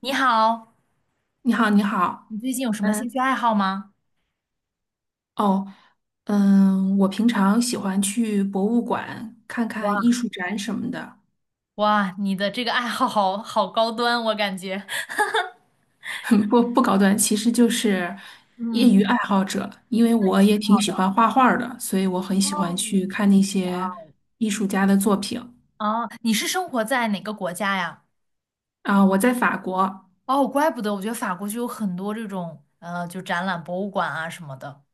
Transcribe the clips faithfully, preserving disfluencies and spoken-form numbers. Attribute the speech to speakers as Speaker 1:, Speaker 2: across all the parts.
Speaker 1: 你好，
Speaker 2: 你好，你好。
Speaker 1: 你最近有什么兴趣
Speaker 2: 嗯，
Speaker 1: 爱好吗？
Speaker 2: 哦，嗯，我平常喜欢去博物馆看
Speaker 1: 哇
Speaker 2: 看艺术展什么的，
Speaker 1: 哇，你的这个爱好好好高端，我感觉。
Speaker 2: 不不高端，其实就是业
Speaker 1: 嗯，
Speaker 2: 余爱好者。因为
Speaker 1: 对，
Speaker 2: 我也
Speaker 1: 挺
Speaker 2: 挺
Speaker 1: 好
Speaker 2: 喜
Speaker 1: 的
Speaker 2: 欢画画儿的，所以我很喜
Speaker 1: 哦，
Speaker 2: 欢去看那些
Speaker 1: 哇
Speaker 2: 艺术家的作品。
Speaker 1: 哦，哦，你是生活在哪个国家呀？
Speaker 2: 啊，我在法国，
Speaker 1: 哦，怪不得，我觉得法国就有很多这种呃，就展览、博物馆啊什么的。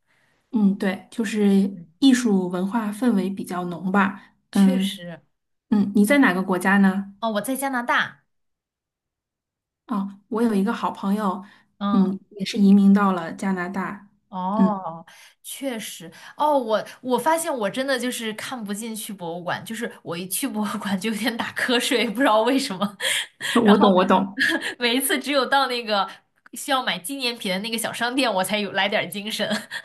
Speaker 2: 嗯，对，就是
Speaker 1: 嗯，
Speaker 2: 艺术文化氛围比较浓吧。
Speaker 1: 确
Speaker 2: 嗯
Speaker 1: 实，
Speaker 2: 嗯，你在哪个国家呢？
Speaker 1: 哦，我在加拿大。
Speaker 2: 哦，我有一个好朋友，
Speaker 1: 嗯，
Speaker 2: 嗯，也是移民到了加拿大。嗯，
Speaker 1: 哦，确实，哦，我我发现我真的就是看不进去博物馆，就是我一去博物馆就有点打瞌睡，不知道为什么。然
Speaker 2: 我
Speaker 1: 后
Speaker 2: 懂，我懂，
Speaker 1: 每一次只有到那个需要买纪念品的那个小商店，我才有来点儿精神。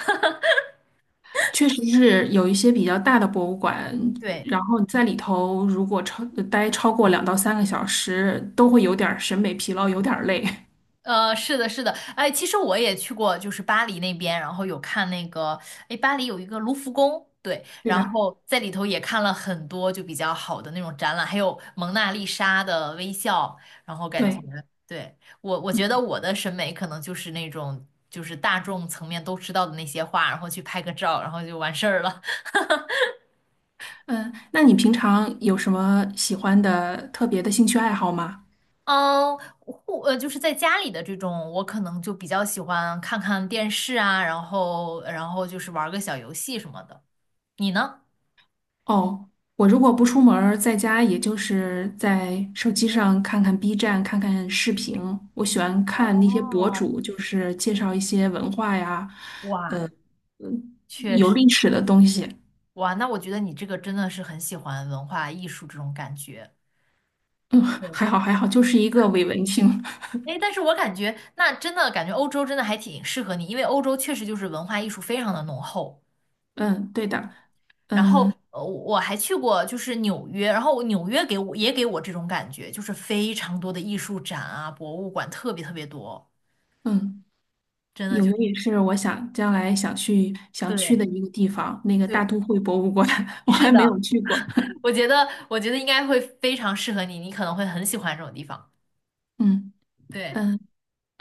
Speaker 2: 确实是有一些比较大的博物馆，
Speaker 1: 对。
Speaker 2: 然后你在里头如果超呃待超过两到三个小时，都会有点儿审美疲劳，有点儿累。
Speaker 1: 呃，是的，是的，哎，其实我也去过，就是巴黎那边，然后有看那个，哎，巴黎有一个卢浮宫，对，
Speaker 2: 对
Speaker 1: 然
Speaker 2: 的，
Speaker 1: 后在里头也看了很多就比较好的那种展览，还有蒙娜丽莎的微笑，然后感觉，
Speaker 2: 对，
Speaker 1: 对，我我觉得
Speaker 2: 嗯
Speaker 1: 我的审美可能就是那种就是大众层面都知道的那些画，然后去拍个照，然后就完事儿了。
Speaker 2: 嗯，那你平常有什么喜欢的特别的兴趣爱好吗？
Speaker 1: 嗯，户呃，就是在家里的这种，我可能就比较喜欢看看电视啊，然后然后就是玩个小游戏什么的。你呢？
Speaker 2: 哦，我如果不出门儿在家也就是在手机上看看 B 站，看看视频。我喜欢看那些博
Speaker 1: 哦，
Speaker 2: 主，就是介绍一些文化呀，
Speaker 1: 哇，
Speaker 2: 嗯，
Speaker 1: 确
Speaker 2: 有历
Speaker 1: 实，
Speaker 2: 史的东西。
Speaker 1: 哇，那我觉得你这个真的是很喜欢文化艺术这种感觉。
Speaker 2: 嗯，还
Speaker 1: 对，
Speaker 2: 好还好，就是一个伪文青。
Speaker 1: 哎，但是我感觉那真的感觉欧洲真的还挺适合你，因为欧洲确实就是文化艺术非常的浓厚。
Speaker 2: 嗯，对的。
Speaker 1: 然后，
Speaker 2: 嗯
Speaker 1: 呃，我还去过就是纽约，然后纽约给我也给我这种感觉，就是非常多的艺术展啊、博物馆特别特别多，
Speaker 2: 嗯，
Speaker 1: 真的
Speaker 2: 纽
Speaker 1: 就
Speaker 2: 约
Speaker 1: 是
Speaker 2: 也是我想将来想去想去
Speaker 1: 对
Speaker 2: 的一个地方，那个大
Speaker 1: 对，
Speaker 2: 都会博物馆，我
Speaker 1: 是
Speaker 2: 还没有
Speaker 1: 的，
Speaker 2: 去过。
Speaker 1: 我觉得我觉得应该会非常适合你，你可能会很喜欢这种地方。
Speaker 2: 嗯
Speaker 1: 对。
Speaker 2: 嗯，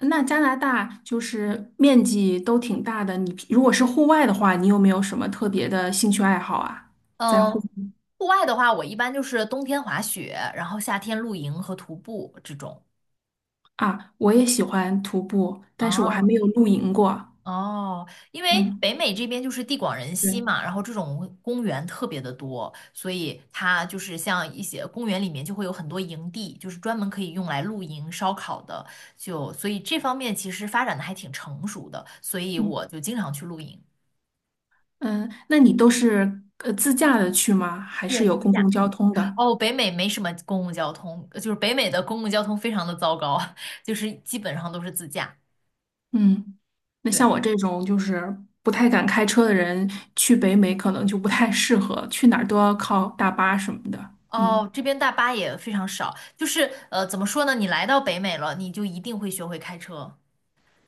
Speaker 2: 那加拿大就是面积都挺大的，你如果是户外的话，你有没有什么特别的兴趣爱好啊？在
Speaker 1: 嗯，
Speaker 2: 户
Speaker 1: 户外的话，我一般就是冬天滑雪，然后夏天露营和徒步这种。
Speaker 2: 啊，我也喜欢徒步，但是我还
Speaker 1: 啊，
Speaker 2: 没有露营过。
Speaker 1: 哦，因为
Speaker 2: 嗯，
Speaker 1: 北美这边就是地广人稀
Speaker 2: 对，
Speaker 1: 嘛，然后这种公园特别的多，所以它就是像一些公园里面就会有很多营地，就是专门可以用来露营、烧烤的，就所以这方面其实发展的还挺成熟的，所以
Speaker 2: 嗯
Speaker 1: 我就经常去露营。
Speaker 2: 嗯，那你都是呃自驾的去吗？还是
Speaker 1: 对，
Speaker 2: 有
Speaker 1: 自
Speaker 2: 公
Speaker 1: 驾。
Speaker 2: 共交通的？
Speaker 1: 哦，北美没什么公共交通，就是北美的公共交通非常的糟糕，就是基本上都是自驾。
Speaker 2: 嗯，那像
Speaker 1: 对，
Speaker 2: 我这种就是不太敢开车的人，去北美可能就不太适合，去哪儿都要靠大巴什么的。
Speaker 1: 哦，
Speaker 2: 嗯
Speaker 1: 这边大巴也非常少，就是呃，怎么说呢？你来到北美了，你就一定会学会开车，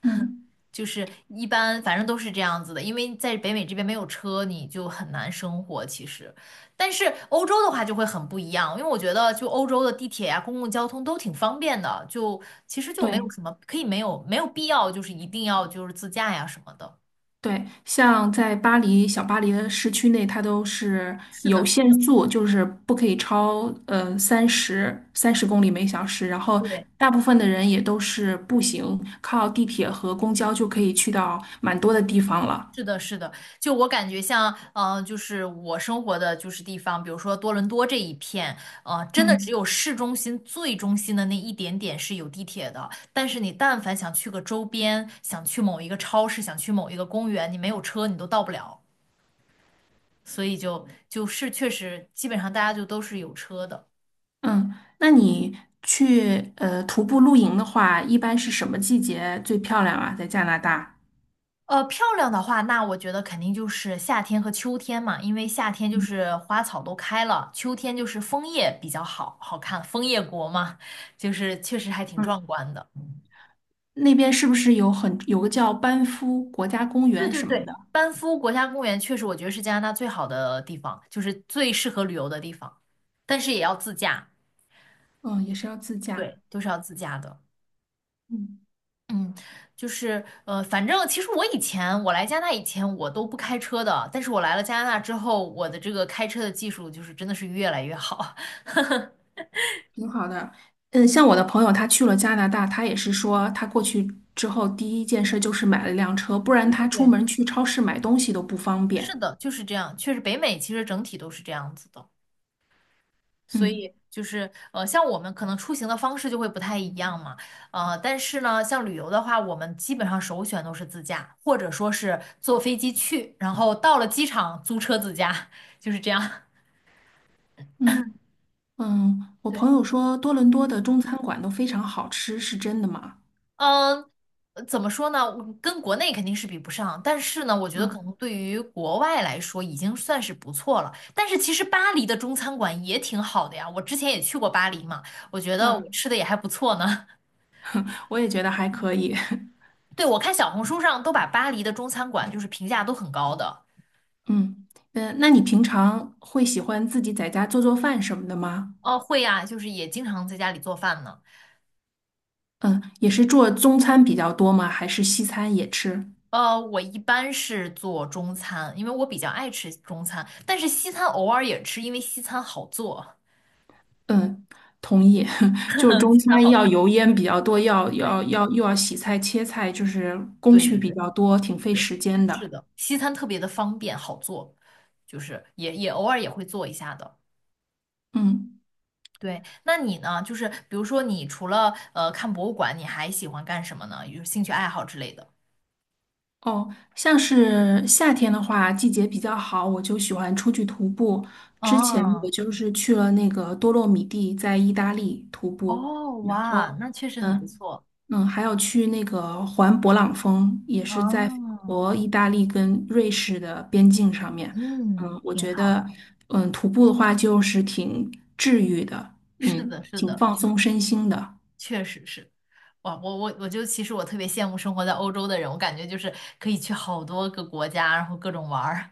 Speaker 2: 嗯，
Speaker 1: 就是一般反正都是这样子的，因为在北美这边没有车，你就很难生活其实。但是欧洲的话就会很不一样，因为我觉得就欧洲的地铁呀、公共交通都挺方便的，就其实就没有
Speaker 2: 对。
Speaker 1: 什么可以没有没有必要就是一定要就是自驾呀什么的。
Speaker 2: 对，像在巴黎小巴黎的市区内，它都是
Speaker 1: 是
Speaker 2: 有
Speaker 1: 的，
Speaker 2: 限速，就是不可以超呃三十三十公里每小时。然后
Speaker 1: 对，
Speaker 2: 大部分的人也都是步行，靠地铁和公交就可以去到蛮多的地方了。
Speaker 1: 是的，是的，就我感觉像，呃，就是我生活的就是地方，比如说多伦多这一片，呃，真的只
Speaker 2: 嗯
Speaker 1: 有市中心最中心的那一点点是有地铁的，但是你但凡想去个周边，想去某一个超市，想去某一个公园，你没有车你都到不了，所以就就是确实基本上大家就都是有车的。
Speaker 2: 嗯，那你去呃徒步露营的话，一般是什么季节最漂亮啊？在加拿大，
Speaker 1: 呃，漂亮的话，那我觉得肯定就是夏天和秋天嘛，因为夏天就是花草都开了，秋天就是枫叶比较好好看，枫叶国嘛，就是确实还挺
Speaker 2: 嗯，
Speaker 1: 壮观的。
Speaker 2: 那边是不是有很有个叫班夫国家公
Speaker 1: 对
Speaker 2: 园
Speaker 1: 对
Speaker 2: 什么
Speaker 1: 对，
Speaker 2: 的？
Speaker 1: 班夫国家公园确实我觉得是加拿大最好的地方，就是最适合旅游的地方，但是也要自驾，
Speaker 2: 嗯，也是要自驾。
Speaker 1: 对，都是要自驾的。
Speaker 2: 嗯。
Speaker 1: 嗯，就是呃，反正其实我以前我来加拿大以前我都不开车的，但是我来了加拿大之后，我的这个开车的技术就是真的是越来越好。
Speaker 2: 挺好的，嗯，像我的朋友，他去了加拿大，他也是说，他过去之后第一件事就是买了辆车，不然他出
Speaker 1: 对
Speaker 2: 门去超市买东西都不方
Speaker 1: 是
Speaker 2: 便。
Speaker 1: 的，就是这样。确实，北美其实整体都是这样子的，所
Speaker 2: 嗯
Speaker 1: 以就是呃，像我们可能出行的方式就会不太一样嘛。呃，但是呢，像旅游的话，我们基本上首选都是自驾，或者说是坐飞机去，然后到了机场租车自驾，就是这样。
Speaker 2: 嗯嗯，我
Speaker 1: 对。
Speaker 2: 朋友说多伦多的中餐馆都非常好吃，是真的吗？
Speaker 1: 嗯，呃怎么说呢？我跟国内肯定是比不上，但是呢，我觉得
Speaker 2: 嗯
Speaker 1: 可能对于国外来说已经算是不错了。但是其实巴黎的中餐馆也挺好的呀，我之前也去过巴黎嘛，我觉得我
Speaker 2: 嗯，
Speaker 1: 吃的也还不错呢。
Speaker 2: 我也觉得还可以。
Speaker 1: 对，我看小红书上都把巴黎的中餐馆就是评价都很高的。
Speaker 2: 嗯嗯，呃那你平常会喜欢自己在家做做饭什么的吗？
Speaker 1: 哦，会呀，就是也经常在家里做饭呢。
Speaker 2: 嗯，也是做中餐比较多吗？还是西餐也吃？
Speaker 1: 呃，我一般是做中餐，因为我比较爱吃中餐，但是西餐偶尔也吃，因为西餐好做，
Speaker 2: 嗯，同意。就是 中
Speaker 1: 西餐
Speaker 2: 餐
Speaker 1: 好
Speaker 2: 要
Speaker 1: 做。
Speaker 2: 油烟比较多，要
Speaker 1: 对，
Speaker 2: 要要又要洗菜切菜，就是工
Speaker 1: 对
Speaker 2: 序
Speaker 1: 对
Speaker 2: 比
Speaker 1: 对。
Speaker 2: 较多，挺费
Speaker 1: 对，
Speaker 2: 时间
Speaker 1: 是
Speaker 2: 的。
Speaker 1: 的，西餐特别的方便好做，就是也也偶尔也会做一下的。
Speaker 2: 嗯，
Speaker 1: 对，那你呢？就是比如说，你除了呃看博物馆，你还喜欢干什么呢？有兴趣爱好之类的？
Speaker 2: 哦，像是夏天的话，季节比较好，我就喜欢出去徒步。之前我
Speaker 1: 哦
Speaker 2: 就是去了那个多洛米蒂，在意大利徒步，
Speaker 1: 哦，
Speaker 2: 然
Speaker 1: 哇，
Speaker 2: 后
Speaker 1: 那确实很不
Speaker 2: 嗯。
Speaker 1: 错。
Speaker 2: 嗯，还有去那个环勃朗峰，也是在法
Speaker 1: 哦，
Speaker 2: 国、意大利跟瑞士的边境上面。
Speaker 1: 嗯，
Speaker 2: 嗯，我
Speaker 1: 挺
Speaker 2: 觉
Speaker 1: 好
Speaker 2: 得，
Speaker 1: 的。
Speaker 2: 嗯，徒步的话就是挺治愈的，
Speaker 1: 是
Speaker 2: 嗯，
Speaker 1: 的，是
Speaker 2: 挺
Speaker 1: 的，
Speaker 2: 放松身心的。
Speaker 1: 确实是。哇，我我我就其实我特别羡慕生活在欧洲的人，我感觉就是可以去好多个国家，然后各种玩儿。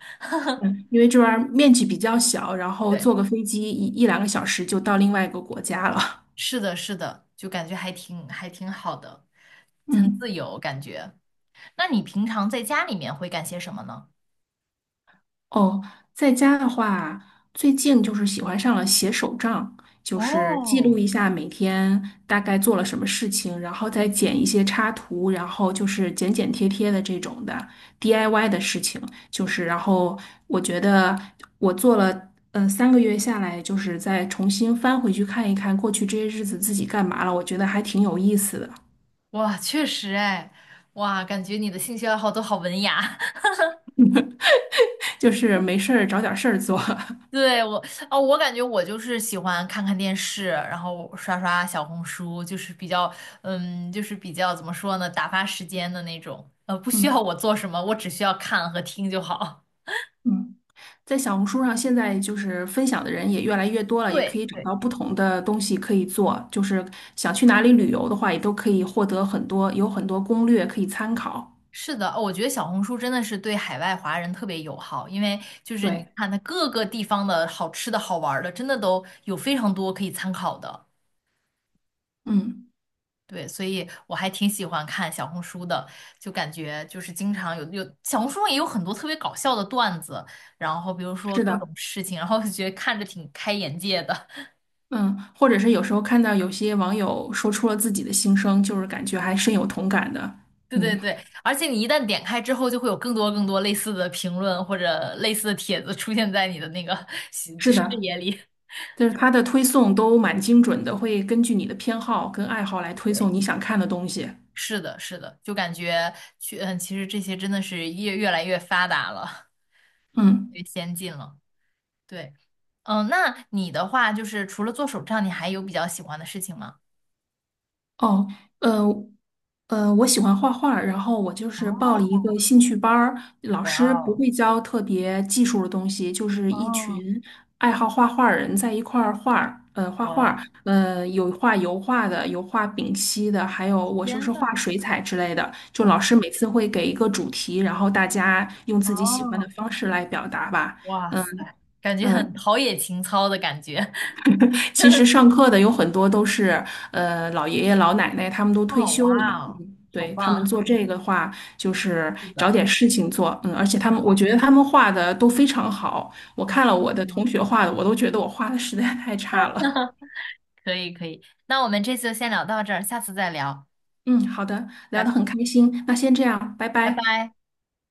Speaker 2: 嗯，因为这边儿面积比较小，然 后
Speaker 1: 对。
Speaker 2: 坐个飞机一一两个小时就到另外一个国家了。
Speaker 1: 是的，是的，就感觉还挺还挺好的，很
Speaker 2: 嗯。
Speaker 1: 自由感觉。那你平常在家里面会干些什么呢？
Speaker 2: 哦，在家的话，最近就是喜欢上了写手账，就是记
Speaker 1: 哦，
Speaker 2: 录一下每天大概做了什么事情，然后再剪一些插图，然后就是剪剪贴贴的这种的 D I Y 的事情，就是然后我觉得我做了。呃，三个月下来，就是再重新翻回去看一看过去这些日子自己干嘛了，我觉得还挺有意思的，
Speaker 1: 哇，确实哎，哇，感觉你的兴趣爱好都好文雅。
Speaker 2: 就是没事儿找点事儿做。
Speaker 1: 对，我，哦，我感觉我就是喜欢看看电视，然后刷刷小红书，就是比较，嗯，就是比较怎么说呢，打发时间的那种。呃，不 需要
Speaker 2: 嗯
Speaker 1: 我做什么，我只需要看和听就好。
Speaker 2: 嗯。在小红书上，现在就是分享的人也越来越多 了，也可
Speaker 1: 对，
Speaker 2: 以找
Speaker 1: 对，
Speaker 2: 到不同的东西可以做。就是想去哪里旅游的话，也都可以获得很多，有很多攻略可以参考。
Speaker 1: 是的，哦我觉得小红书真的是对海外华人特别友好，因为就是你
Speaker 2: 对，
Speaker 1: 看它各个地方的好吃的好玩儿的，真的都有非常多可以参考的。
Speaker 2: 嗯，
Speaker 1: 对，所以我还挺喜欢看小红书的，就感觉就是经常有有小红书上也有很多特别搞笑的段子，然后比如说
Speaker 2: 是
Speaker 1: 各种
Speaker 2: 的，
Speaker 1: 事情，然后就觉得看着挺开眼界的。
Speaker 2: 嗯，或者是有时候看到有些网友说出了自己的心声，就是感觉还深有同感的。
Speaker 1: 对对
Speaker 2: 嗯，
Speaker 1: 对，而且你一旦点开之后，就会有更多更多类似的评论或者类似的帖子出现在你的那个 视
Speaker 2: 是的，
Speaker 1: 野里。
Speaker 2: 就是它的推送都蛮精准的，会根据你的偏好跟爱好来推送 你想看的东西。
Speaker 1: 是的，是的，就感觉去，嗯，其实这些真的是越越来越发达了，
Speaker 2: 嗯。
Speaker 1: 越先进了。对，嗯，那你的话就是除了做手账，你还有比较喜欢的事情吗？
Speaker 2: 哦，呃，呃，我喜欢画画儿然后我就是报了一
Speaker 1: 哦，
Speaker 2: 个兴趣班儿，老
Speaker 1: 哇
Speaker 2: 师不
Speaker 1: 哦，
Speaker 2: 会教特别技术的东西，就是一
Speaker 1: 哦，
Speaker 2: 群爱好画画儿人在一块儿画儿呃，画画
Speaker 1: 哇，
Speaker 2: 儿呃，有画油画的，有画丙烯的，还有我就
Speaker 1: 天
Speaker 2: 是
Speaker 1: 呐，
Speaker 2: 画水彩之类的。就老
Speaker 1: 哇，
Speaker 2: 师每次会给一个主题，然后大家用自己喜欢的
Speaker 1: 哦，
Speaker 2: 方式来表达吧。
Speaker 1: 哇
Speaker 2: 嗯
Speaker 1: 塞，感觉很
Speaker 2: 嗯，
Speaker 1: 陶冶情操的感觉。
Speaker 2: 其实上课的有很多都是呃老爷爷老奶奶，他们都退
Speaker 1: 哦，
Speaker 2: 休了。
Speaker 1: 哇哦，
Speaker 2: 嗯，
Speaker 1: 好
Speaker 2: 对，他们
Speaker 1: 棒
Speaker 2: 做这个的话，就是
Speaker 1: 是
Speaker 2: 找
Speaker 1: 的，
Speaker 2: 点事情做。嗯，而且
Speaker 1: 挺
Speaker 2: 他们，
Speaker 1: 好
Speaker 2: 我
Speaker 1: 的。
Speaker 2: 觉得他们画的都非常好。我看了
Speaker 1: 哦，
Speaker 2: 我的同学画的，我都觉得我画的实在太差了。
Speaker 1: 可以，可以，那我们这次就先聊到这儿，下次再聊，
Speaker 2: 嗯，好的，聊得
Speaker 1: 拜
Speaker 2: 很开心，那先这样，拜
Speaker 1: 拜
Speaker 2: 拜。
Speaker 1: 拜。